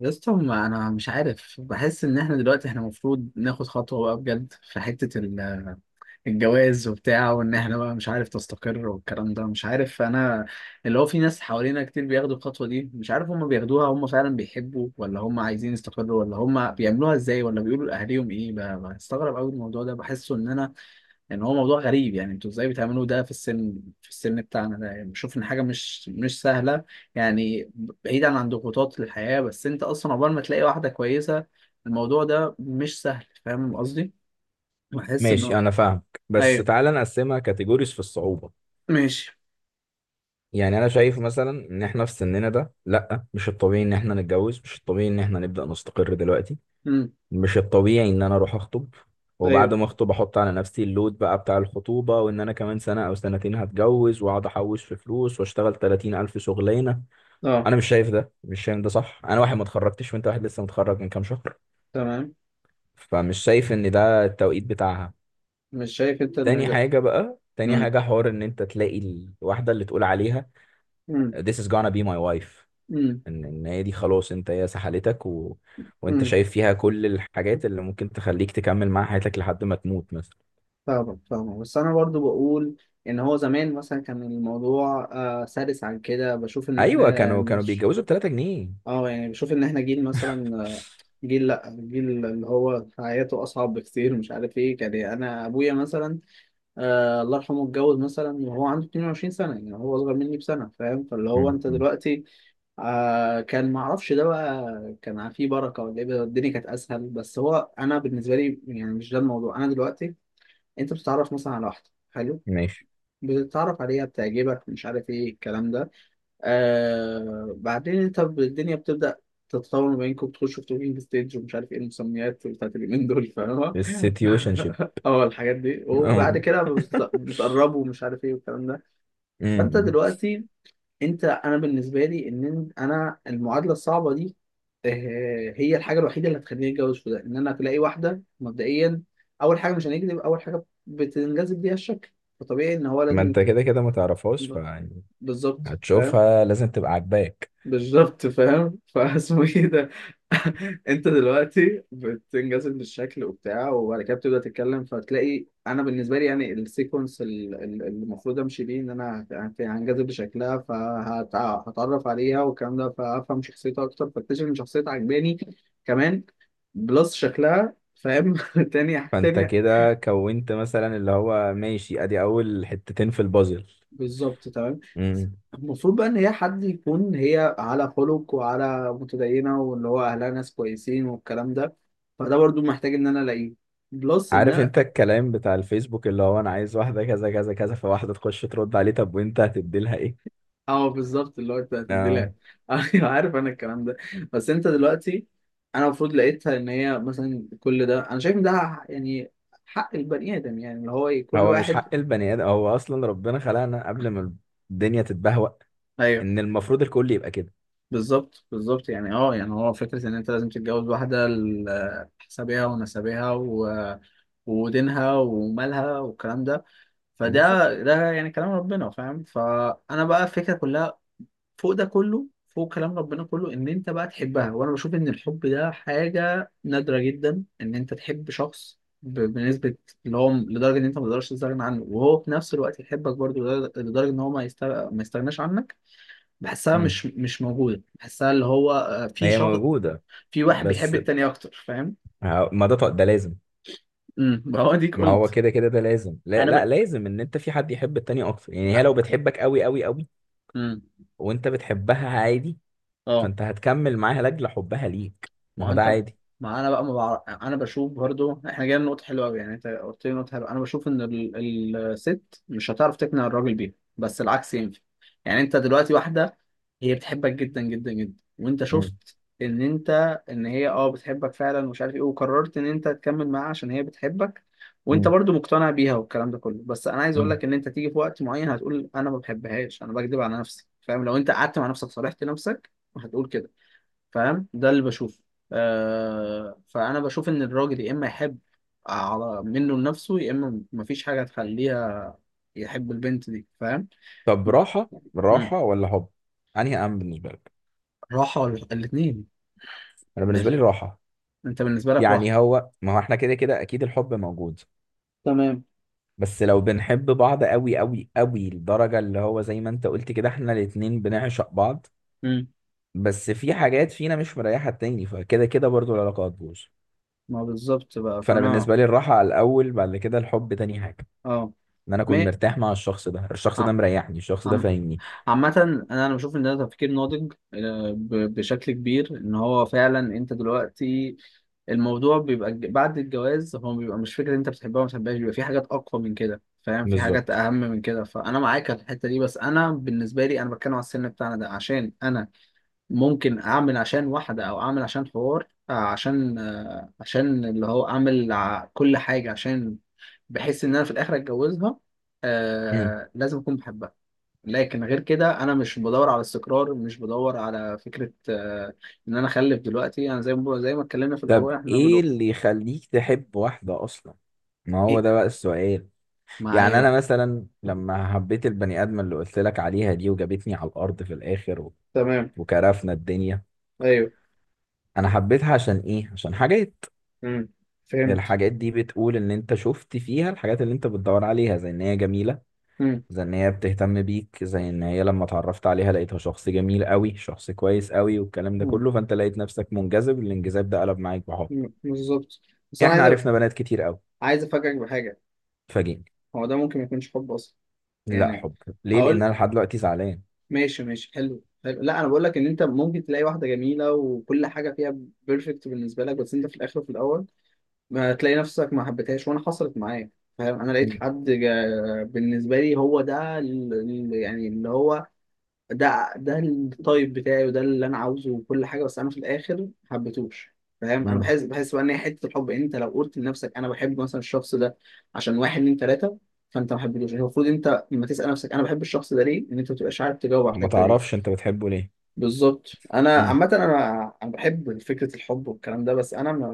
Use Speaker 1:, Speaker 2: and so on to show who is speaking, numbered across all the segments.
Speaker 1: يا اسطى ما انا مش عارف، بحس ان احنا دلوقتي احنا المفروض ناخد خطوه بقى بجد في حته الجواز وبتاع، وان احنا بقى مش عارف تستقر والكلام ده مش عارف انا اللي هو في ناس حوالينا كتير بياخدوا الخطوه دي، مش عارف هم بياخدوها هم فعلا بيحبوا، ولا هم عايزين يستقروا، ولا هم بيعملوها ازاي، ولا بيقولوا لاهاليهم ايه. بستغرب قوي الموضوع ده، بحسه ان انا يعني هو موضوع غريب. يعني انتوا ازاي بتعملوا ده في السن، في السن بتاعنا ده، يعني بشوف ان حاجه مش سهله يعني. بعيدا عن ضغوطات الحياه، بس انت اصلا عقبال ما تلاقي واحده كويسه، الموضوع ده مش سهل. فاهم قصدي؟ بحس ان
Speaker 2: ماشي،
Speaker 1: هو
Speaker 2: انا فاهمك. بس
Speaker 1: ايوه،
Speaker 2: تعالى نقسمها كاتيجوريز في الصعوبة.
Speaker 1: ماشي.
Speaker 2: يعني انا شايف مثلا ان احنا في سننا ده، لا، مش الطبيعي ان احنا نتجوز، مش الطبيعي ان احنا نبدأ نستقر دلوقتي،
Speaker 1: امم.
Speaker 2: مش الطبيعي ان انا اروح اخطب. وبعد
Speaker 1: ايوه،
Speaker 2: ما اخطب احط على نفسي اللود بقى بتاع الخطوبة، وان انا كمان سنة او سنتين هتجوز، واقعد احوش في فلوس، واشتغل 30 الف شغلانة.
Speaker 1: اه،
Speaker 2: انا مش شايف ده، مش شايف ده صح. انا واحد ما اتخرجتش، وانت واحد لسه متخرج من كام شهر.
Speaker 1: تمام.
Speaker 2: فمش شايف ان ده التوقيت بتاعها.
Speaker 1: مش شايف انت ان
Speaker 2: تاني
Speaker 1: ده
Speaker 2: حاجة بقى، تاني
Speaker 1: امم.
Speaker 2: حاجة، حوار ان انت تلاقي الواحدة اللي تقول عليها
Speaker 1: امم.
Speaker 2: this is gonna be my wife.
Speaker 1: امم.
Speaker 2: ان هي دي خلاص، انت هي سحلتك، و... وانت
Speaker 1: امم.
Speaker 2: شايف فيها كل الحاجات اللي ممكن تخليك تكمل معاها حياتك لحد ما تموت مثلا.
Speaker 1: فاهمك فاهمك، بس انا برضو بقول ان هو زمان مثلا كان الموضوع سلس عن كده. بشوف ان
Speaker 2: ايوه،
Speaker 1: احنا
Speaker 2: كانوا
Speaker 1: مش
Speaker 2: بيتجوزوا ب 3 جنيه.
Speaker 1: اه يعني، بشوف ان احنا جيل مثلا، جيل، لا جيل اللي هو حياته اصعب بكتير، مش عارف ايه كان يعني. انا ابويا مثلا، الله يرحمه، اتجوز مثلا وهو عنده 22 سنه، يعني هو اصغر مني بسنه، فاهم؟ فاللي هو
Speaker 2: مم.
Speaker 1: انت
Speaker 2: مم.
Speaker 1: دلوقتي كان ما اعرفش ده بقى، كان فيه بركه، ولا ايه الدنيا كانت اسهل، بس هو انا بالنسبه لي يعني مش ده الموضوع. انا دلوقتي انت بتتعرف مثلا على واحده حلو،
Speaker 2: ماشي.
Speaker 1: بتتعرف عليها، بتعجبك، مش عارف ايه الكلام ده. بعدين انت الدنيا بتبدأ تتطور ما بينكم، بتخشوا في توكينج ستيج ومش عارف ايه المسميات بتاعت اليومين دول، فاهمة؟
Speaker 2: السيتويشن شيب.
Speaker 1: اه الحاجات دي، وبعد
Speaker 2: اه.
Speaker 1: كده بتقربوا، ومش عارف ايه والكلام ده. فانت
Speaker 2: أمم.
Speaker 1: دلوقتي انت انا بالنسبة لي ان انا المعادلة الصعبة دي، هي الحاجة الوحيدة اللي هتخليني اتجوز في ده، ان انا تلاقي واحدة مبدئيا. اول حاجة مش هنكذب، اول حاجة بتنجذب ليها الشكل، فطبيعي ان هو
Speaker 2: ما
Speaker 1: لازم
Speaker 2: انت
Speaker 1: يكون
Speaker 2: كده كده ما تعرفهاش، فيعني
Speaker 1: بالظبط، فاهم؟
Speaker 2: هتشوفها لازم تبقى عاجباك.
Speaker 1: بالظبط فاهم. فاسمه ايه ده؟ انت دلوقتي بتنجذب للشكل وبتاع، وبعد كده بتبدا تتكلم، فتلاقي انا بالنسبه لي يعني السيكونس اللي المفروض امشي بيه ان انا هنجذب لشكلها، فهتعرف عليها والكلام ده، فافهم شخصيتها اكتر، فاكتشف ان شخصيتها عجباني كمان بلس شكلها، فاهم؟ تاني
Speaker 2: فانت
Speaker 1: تاني
Speaker 2: كده كونت مثلا، اللي هو ماشي، ادي اول حتتين في البازل.
Speaker 1: بالظبط، تمام. المفروض بقى ان هي حد يكون هي على خلق، وعلى متدينه، واللي هو اهلها ناس كويسين والكلام ده، فده برضو محتاج ان انا الاقيه. بلس ان
Speaker 2: عارف
Speaker 1: انا
Speaker 2: انت الكلام بتاع الفيسبوك اللي هو انا عايز واحده كذا كذا كذا، فواحده تخش ترد عليه، طب وانت هتدي لها ايه؟
Speaker 1: اه بالظبط، اللي هو انت هتدي لها.
Speaker 2: اه.
Speaker 1: ايوه، عارف انا الكلام ده. بس انت دلوقتي انا المفروض لقيتها ان هي مثلا كل ده، انا شايف ان ده يعني حق البني ادم، يعني اللي هو كل
Speaker 2: هو مش
Speaker 1: واحد
Speaker 2: حق البني ادم، هو اصلا ربنا خلقنا قبل ما الدنيا تتبهوأ،
Speaker 1: ايوه.
Speaker 2: ان المفروض الكل يبقى كده.
Speaker 1: بالظبط بالظبط، يعني اه يعني هو فكرة إن أنت لازم تتجوز واحدة حسابها ونسبها و... ودينها ومالها والكلام ده، فده
Speaker 2: بالظبط.
Speaker 1: ده يعني كلام ربنا، فاهم؟ فأنا بقى الفكرة كلها فوق ده كله، فوق كلام ربنا كله، إن أنت بقى تحبها. وأنا بشوف إن الحب ده حاجة نادرة جدا، إن أنت تحب شخص بنسبة اللي هو لدرجة إن أنت ما تقدرش تستغنى عنه، وهو في نفس الوقت يحبك برضه لدرجة إن هو ما يستغناش عنك. بحسها
Speaker 2: امم.
Speaker 1: مش موجودة، بحسها اللي هو في
Speaker 2: هي
Speaker 1: شخص،
Speaker 2: موجوده.
Speaker 1: في واحد بيحب
Speaker 2: بس
Speaker 1: التاني أكتر، فاهم؟
Speaker 2: ه- ما ده ط- ده لازم.
Speaker 1: امم. هو ديك
Speaker 2: ما هو
Speaker 1: قلت
Speaker 2: كده كده، ده لازم، لا
Speaker 1: أنا
Speaker 2: لا، لازم ان انت في حد يحب التاني اكتر. يعني هي لو بتحبك قوي قوي قوي،
Speaker 1: امم،
Speaker 2: وانت بتحبها عادي،
Speaker 1: اه.
Speaker 2: فانت هتكمل معاها لاجل حبها ليك.
Speaker 1: ما
Speaker 2: ما هو
Speaker 1: هو
Speaker 2: ده
Speaker 1: انت
Speaker 2: عادي.
Speaker 1: ما انا بقى، ما بعرف انا بشوف برضو احنا جايين نقطة حلوة قوي، يعني انت قلت لي نقطة حلوة. انا بشوف ان الست مش هتعرف تقنع الراجل بيها، بس العكس ينفع. يعني انت دلوقتي واحدة هي بتحبك جدا جدا جدا، وانت
Speaker 2: مم.
Speaker 1: شفت ان انت ان هي اه بتحبك فعلا، ومش عارف ايه، وقررت ان انت تكمل معاها عشان هي بتحبك، وانت
Speaker 2: مم.
Speaker 1: برضو مقتنع بيها والكلام ده كله. بس انا عايز اقول
Speaker 2: مم.
Speaker 1: لك ان انت تيجي في وقت معين هتقول انا ما بحبهاش، انا بكذب على نفسي، فاهم؟ لو انت قعدت مع نفسك، صالحت نفسك، هتقول كده، فاهم؟ ده اللي بشوفه. فانا بشوف ان الراجل يا اما يحب على منه لنفسه، يا اما مفيش حاجه تخليها يحب البنت دي، فاهم؟
Speaker 2: طب، راحة
Speaker 1: مم.
Speaker 2: راحة ولا حب؟ انهي اهم بالنسبة لك؟
Speaker 1: راحه ولا الاثنين؟
Speaker 2: انا بالنسبة لي راحة.
Speaker 1: انت بالنسبه لك راحه،
Speaker 2: يعني هو، ما هو احنا كده كده اكيد الحب موجود.
Speaker 1: تمام.
Speaker 2: بس لو بنحب بعض قوي قوي قوي لدرجة اللي هو زي ما انت قلت كده احنا الاتنين بنعشق بعض،
Speaker 1: مم.
Speaker 2: بس في حاجات فينا مش مريحة التاني، فكده كده برضو العلاقة هتبوظ.
Speaker 1: ما بالظبط بقى،
Speaker 2: فانا
Speaker 1: فانا
Speaker 2: بالنسبة لي الراحة على الاول، بعد كده الحب تاني حاجة.
Speaker 1: اه
Speaker 2: ان انا اكون
Speaker 1: مي...
Speaker 2: مرتاح مع الشخص ده، الشخص ده
Speaker 1: آه.
Speaker 2: مريحني، الشخص ده
Speaker 1: عم...
Speaker 2: فاهمني.
Speaker 1: عامة، أنا أنا بشوف إن ده تفكير ناضج بشكل كبير، إن هو فعلا أنت دلوقتي الموضوع بيبقى بعد الجواز هو بيبقى مش فكرة أنت بتحبها ولا ما بتحبهاش، بيبقى في حاجات أقوى من كده، فاهم؟ في حاجات
Speaker 2: بالظبط.
Speaker 1: أهم من كده، فأنا معاك على الحتة دي. بس أنا بالنسبة لي أنا بتكلم على السن بتاعنا ده، عشان أنا ممكن أعمل عشان واحدة أو أعمل عشان حوار، عشان عشان اللي هو أعمل كل حاجة عشان بحس إن أنا في الآخر أتجوزها،
Speaker 2: مم.
Speaker 1: لازم أكون بحبها. لكن غير كده انا مش بدور على استقرار، مش بدور على فكره ان انا اخلف دلوقتي. انا زي ما اتكلمنا في
Speaker 2: طب
Speaker 1: الاول، احنا
Speaker 2: ايه
Speaker 1: بنقول
Speaker 2: اللي يخليك تحب واحدة اصلا؟ ما هو
Speaker 1: ايه
Speaker 2: ده بقى السؤال. يعني
Speaker 1: معايا؟
Speaker 2: انا مثلا لما حبيت البني ادم اللي قلت لك عليها دي، وجابتني على الارض في الاخر،
Speaker 1: تمام،
Speaker 2: وكرفنا الدنيا.
Speaker 1: ايوه.
Speaker 2: انا حبيتها عشان ايه؟ عشان حاجات.
Speaker 1: امم. فهمت.
Speaker 2: الحاجات دي بتقول ان انت شفت فيها الحاجات اللي انت بتدور عليها، زي ان هي جميلة،
Speaker 1: امم.
Speaker 2: زي ان هي بتهتم بيك، زي ان هي لما اتعرفت عليها لقيتها شخص جميل قوي، شخص كويس قوي، والكلام ده
Speaker 1: امم.
Speaker 2: كله. فانت لقيت نفسك منجذب، الانجذاب ده قلب معاك بحب.
Speaker 1: أمم، بالظبط. بس انا
Speaker 2: احنا
Speaker 1: عايز
Speaker 2: عرفنا بنات كتير قوي.
Speaker 1: عايز افاجئك بحاجه.
Speaker 2: فاجئني.
Speaker 1: هو ده ممكن ما يكونش حب اصلا
Speaker 2: لا،
Speaker 1: يعني.
Speaker 2: حب. ليه؟ لان
Speaker 1: هقول
Speaker 2: انا لحد دلوقتي زعلان.
Speaker 1: ماشي ماشي، حلو حلو، لا انا بقول لك ان انت ممكن تلاقي واحده جميله وكل حاجه فيها بيرفكت بالنسبه لك، بس انت في الاخر وفي الاول ما تلاقي نفسك ما حبيتهاش. وانا حصلت معايا، فاهم؟ انا لقيت
Speaker 2: مم.
Speaker 1: حد بالنسبه لي هو ده يعني اللي هو ده ده التايب بتاعي وده اللي انا عاوزه وكل حاجه، بس انا في الاخر ما حبيتهوش، فاهم؟ انا
Speaker 2: مم.
Speaker 1: بحس بحس بقى ان هي حته الحب انت لو قلت لنفسك انا بحب مثلا الشخص ده عشان واحد اتنين تلاته، فانت ما حبيتهوش. المفروض انت لما تسال نفسك انا بحب الشخص ده ليه، ان انت ما تبقاش عارف تجاوب على
Speaker 2: ما
Speaker 1: الحته دي.
Speaker 2: تعرفش انت بتحبه ليه.
Speaker 1: بالظبط. انا
Speaker 2: مم.
Speaker 1: عامه انا انا بحب فكره الحب والكلام ده، بس انا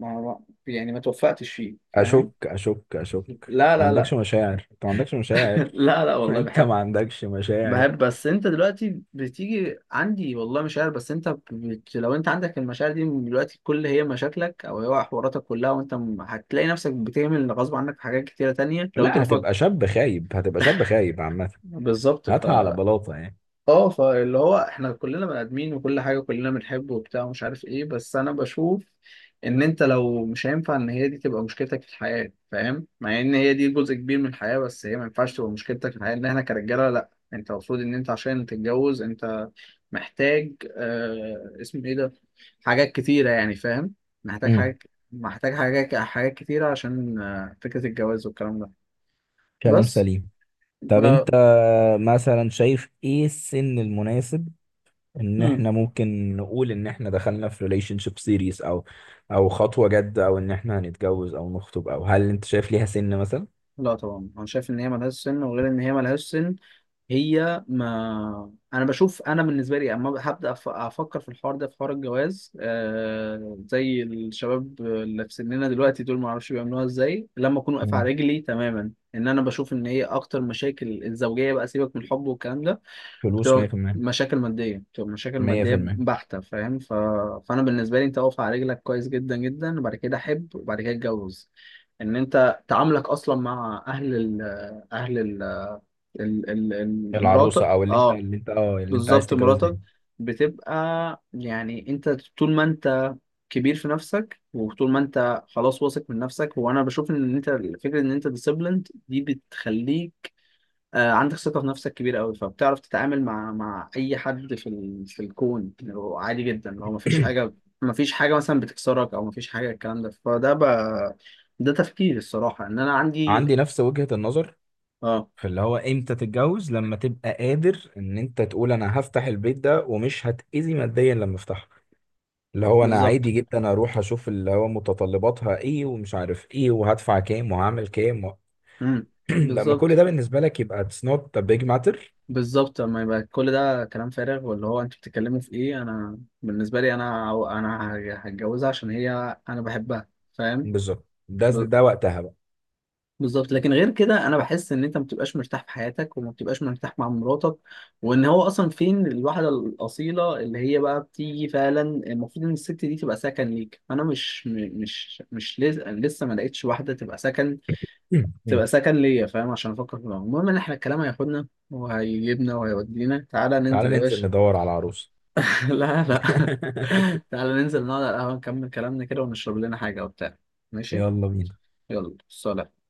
Speaker 1: ما ما- يعني ما توفقتش فيه، فاهم؟
Speaker 2: اشك، اشك، اشك.
Speaker 1: لا
Speaker 2: انت ما
Speaker 1: لا
Speaker 2: عندكش
Speaker 1: لا
Speaker 2: مشاعر، انت ما عندكش مشاعر.
Speaker 1: لا لا والله
Speaker 2: انت
Speaker 1: بحب،
Speaker 2: ما عندكش مشاعر.
Speaker 1: بحب. بس انت دلوقتي بتيجي عندي، والله مشاعر، بس انت لو انت عندك المشاعر دي من دلوقتي، كل هي مشاكلك او هي حواراتك كلها، وانت هتلاقي نفسك بتعمل غصب عنك في حاجات كتيره تانية، لو انت
Speaker 2: لا،
Speaker 1: بتفكر
Speaker 2: هتبقى شاب خايب، هتبقى شاب خايب عامة.
Speaker 1: بالظبط. ف
Speaker 2: هاتها على بلاطة يعني.
Speaker 1: اه فاللي هو احنا كلنا بني ادمين، وكل حاجه كلنا بنحب وبتاع، ومش عارف ايه، بس انا بشوف ان انت لو مش هينفع ان هي دي تبقى مشكلتك في الحياه، فاهم؟ مع ان هي دي جزء كبير من الحياه، بس هي ما ينفعش تبقى مشكلتك في الحياه، ان احنا كرجاله. لا، انت المفروض ان انت عشان تتجوز انت محتاج اسمه ايه ده، حاجات كتيره يعني، فاهم؟ محتاج
Speaker 2: امم.
Speaker 1: حاجات، محتاج حاجات، حاجات كتيره عشان فكره الجواز والكلام ده.
Speaker 2: كلام
Speaker 1: بس
Speaker 2: سليم. طب
Speaker 1: ب...
Speaker 2: انت مثلا شايف ايه السن المناسب ان احنا ممكن نقول ان احنا دخلنا في ريليشن شيب سيريس، او خطوه جد، او ان احنا هنتجوز، او نخطب، او هل انت شايف ليها سن مثلا؟
Speaker 1: لا طبعا انا شايف ان هي ملهاش سن. وغير ان هي ملهاش سن، هي ما انا بشوف انا بالنسبه لي، اما هبدا افكر في الحوار ده، في حوار الجواز، زي الشباب اللي في سننا دلوقتي دول ما اعرفش بيعملوها ازاي، لما اكون واقف
Speaker 2: مم.
Speaker 1: على رجلي تماما. ان انا بشوف ان هي اكتر مشاكل الزوجيه بقى، سيبك من الحب والكلام ده،
Speaker 2: فلوس
Speaker 1: بتبقى
Speaker 2: 100%.
Speaker 1: مشاكل مادية، بتبقى مشاكل مادية
Speaker 2: 100%.
Speaker 1: بحتة، فاهم؟ ف... فأنا بالنسبة لي أنت واقف على رجلك كويس جدا جدا، وبعد كده أحب، وبعد كده أتجوز. إن أنت تعاملك أصلا مع أهل أهل مراتك،
Speaker 2: العروسه، او اللي انت،
Speaker 1: أه.
Speaker 2: اللي انت عايز
Speaker 1: بالظبط،
Speaker 2: تتجوزها
Speaker 1: مراتك
Speaker 2: يعني.
Speaker 1: بتبقى يعني أنت طول ما أنت كبير في نفسك، وطول ما أنت خلاص واثق من نفسك، وأنا بشوف إن أنت فكرة إن أنت ديسيبليند دي بتخليك عندك ثقة في نفسك كبيرة قوي، فبتعرف تتعامل مع مع أي حد في في الكون، اللي هو عادي جدا، اللي هو مفيش حاجة، مفيش حاجة مثلا بتكسرك، أو مفيش حاجة الكلام ده، فده ده تفكير الصراحة إن أنا عندي،
Speaker 2: عندي نفس وجهه النظر.
Speaker 1: أه
Speaker 2: فاللي هو امتى تتجوز؟ لما تبقى قادر ان انت تقول انا هفتح البيت ده ومش هتأذي ماديا لما افتحه. اللي هو انا
Speaker 1: بالظبط.
Speaker 2: عادي جدا اروح اشوف اللي هو متطلباتها ايه ومش عارف ايه، وهدفع كام، وهعمل كام و...
Speaker 1: امم.
Speaker 2: لما كل
Speaker 1: بالظبط
Speaker 2: ده بالنسبة لك يبقى it's not a big matter.
Speaker 1: بالظبط. اما يبقى كل ده كلام فارغ واللي هو أنتوا بتتكلموا في إيه؟ أنا بالنسبة لي أنا أنا هتجوزها عشان هي أنا بحبها، فاهم؟
Speaker 2: بالظبط. ده وقتها بقى.
Speaker 1: بالظبط. لكن غير كده انا بحس ان انت ما بتبقاش مرتاح في حياتك، وما بتبقاش مرتاح مع مراتك، وان هو اصلا فين الواحده الاصيله اللي هي بقى بتيجي فعلا؟ المفروض ان الست دي تبقى سكن ليك، فانا مش م- مش مش لز- لسه ما لقيتش واحده تبقى سكن، تبقى سكن ليا، فاهم؟ عشان افكر في الموضوع. المهم ان احنا الكلام هياخدنا وهيجيبنا وهيودينا، تعالى
Speaker 2: تعال
Speaker 1: ننزل يا
Speaker 2: ننزل
Speaker 1: باشا.
Speaker 2: ندور على عروس.
Speaker 1: لا لا. تعالى ننزل نقعد على القهوه، نكمل كلامنا كده ونشرب لنا حاجه وبتاع. ماشي،
Speaker 2: يلا بينا.
Speaker 1: يلا سلام.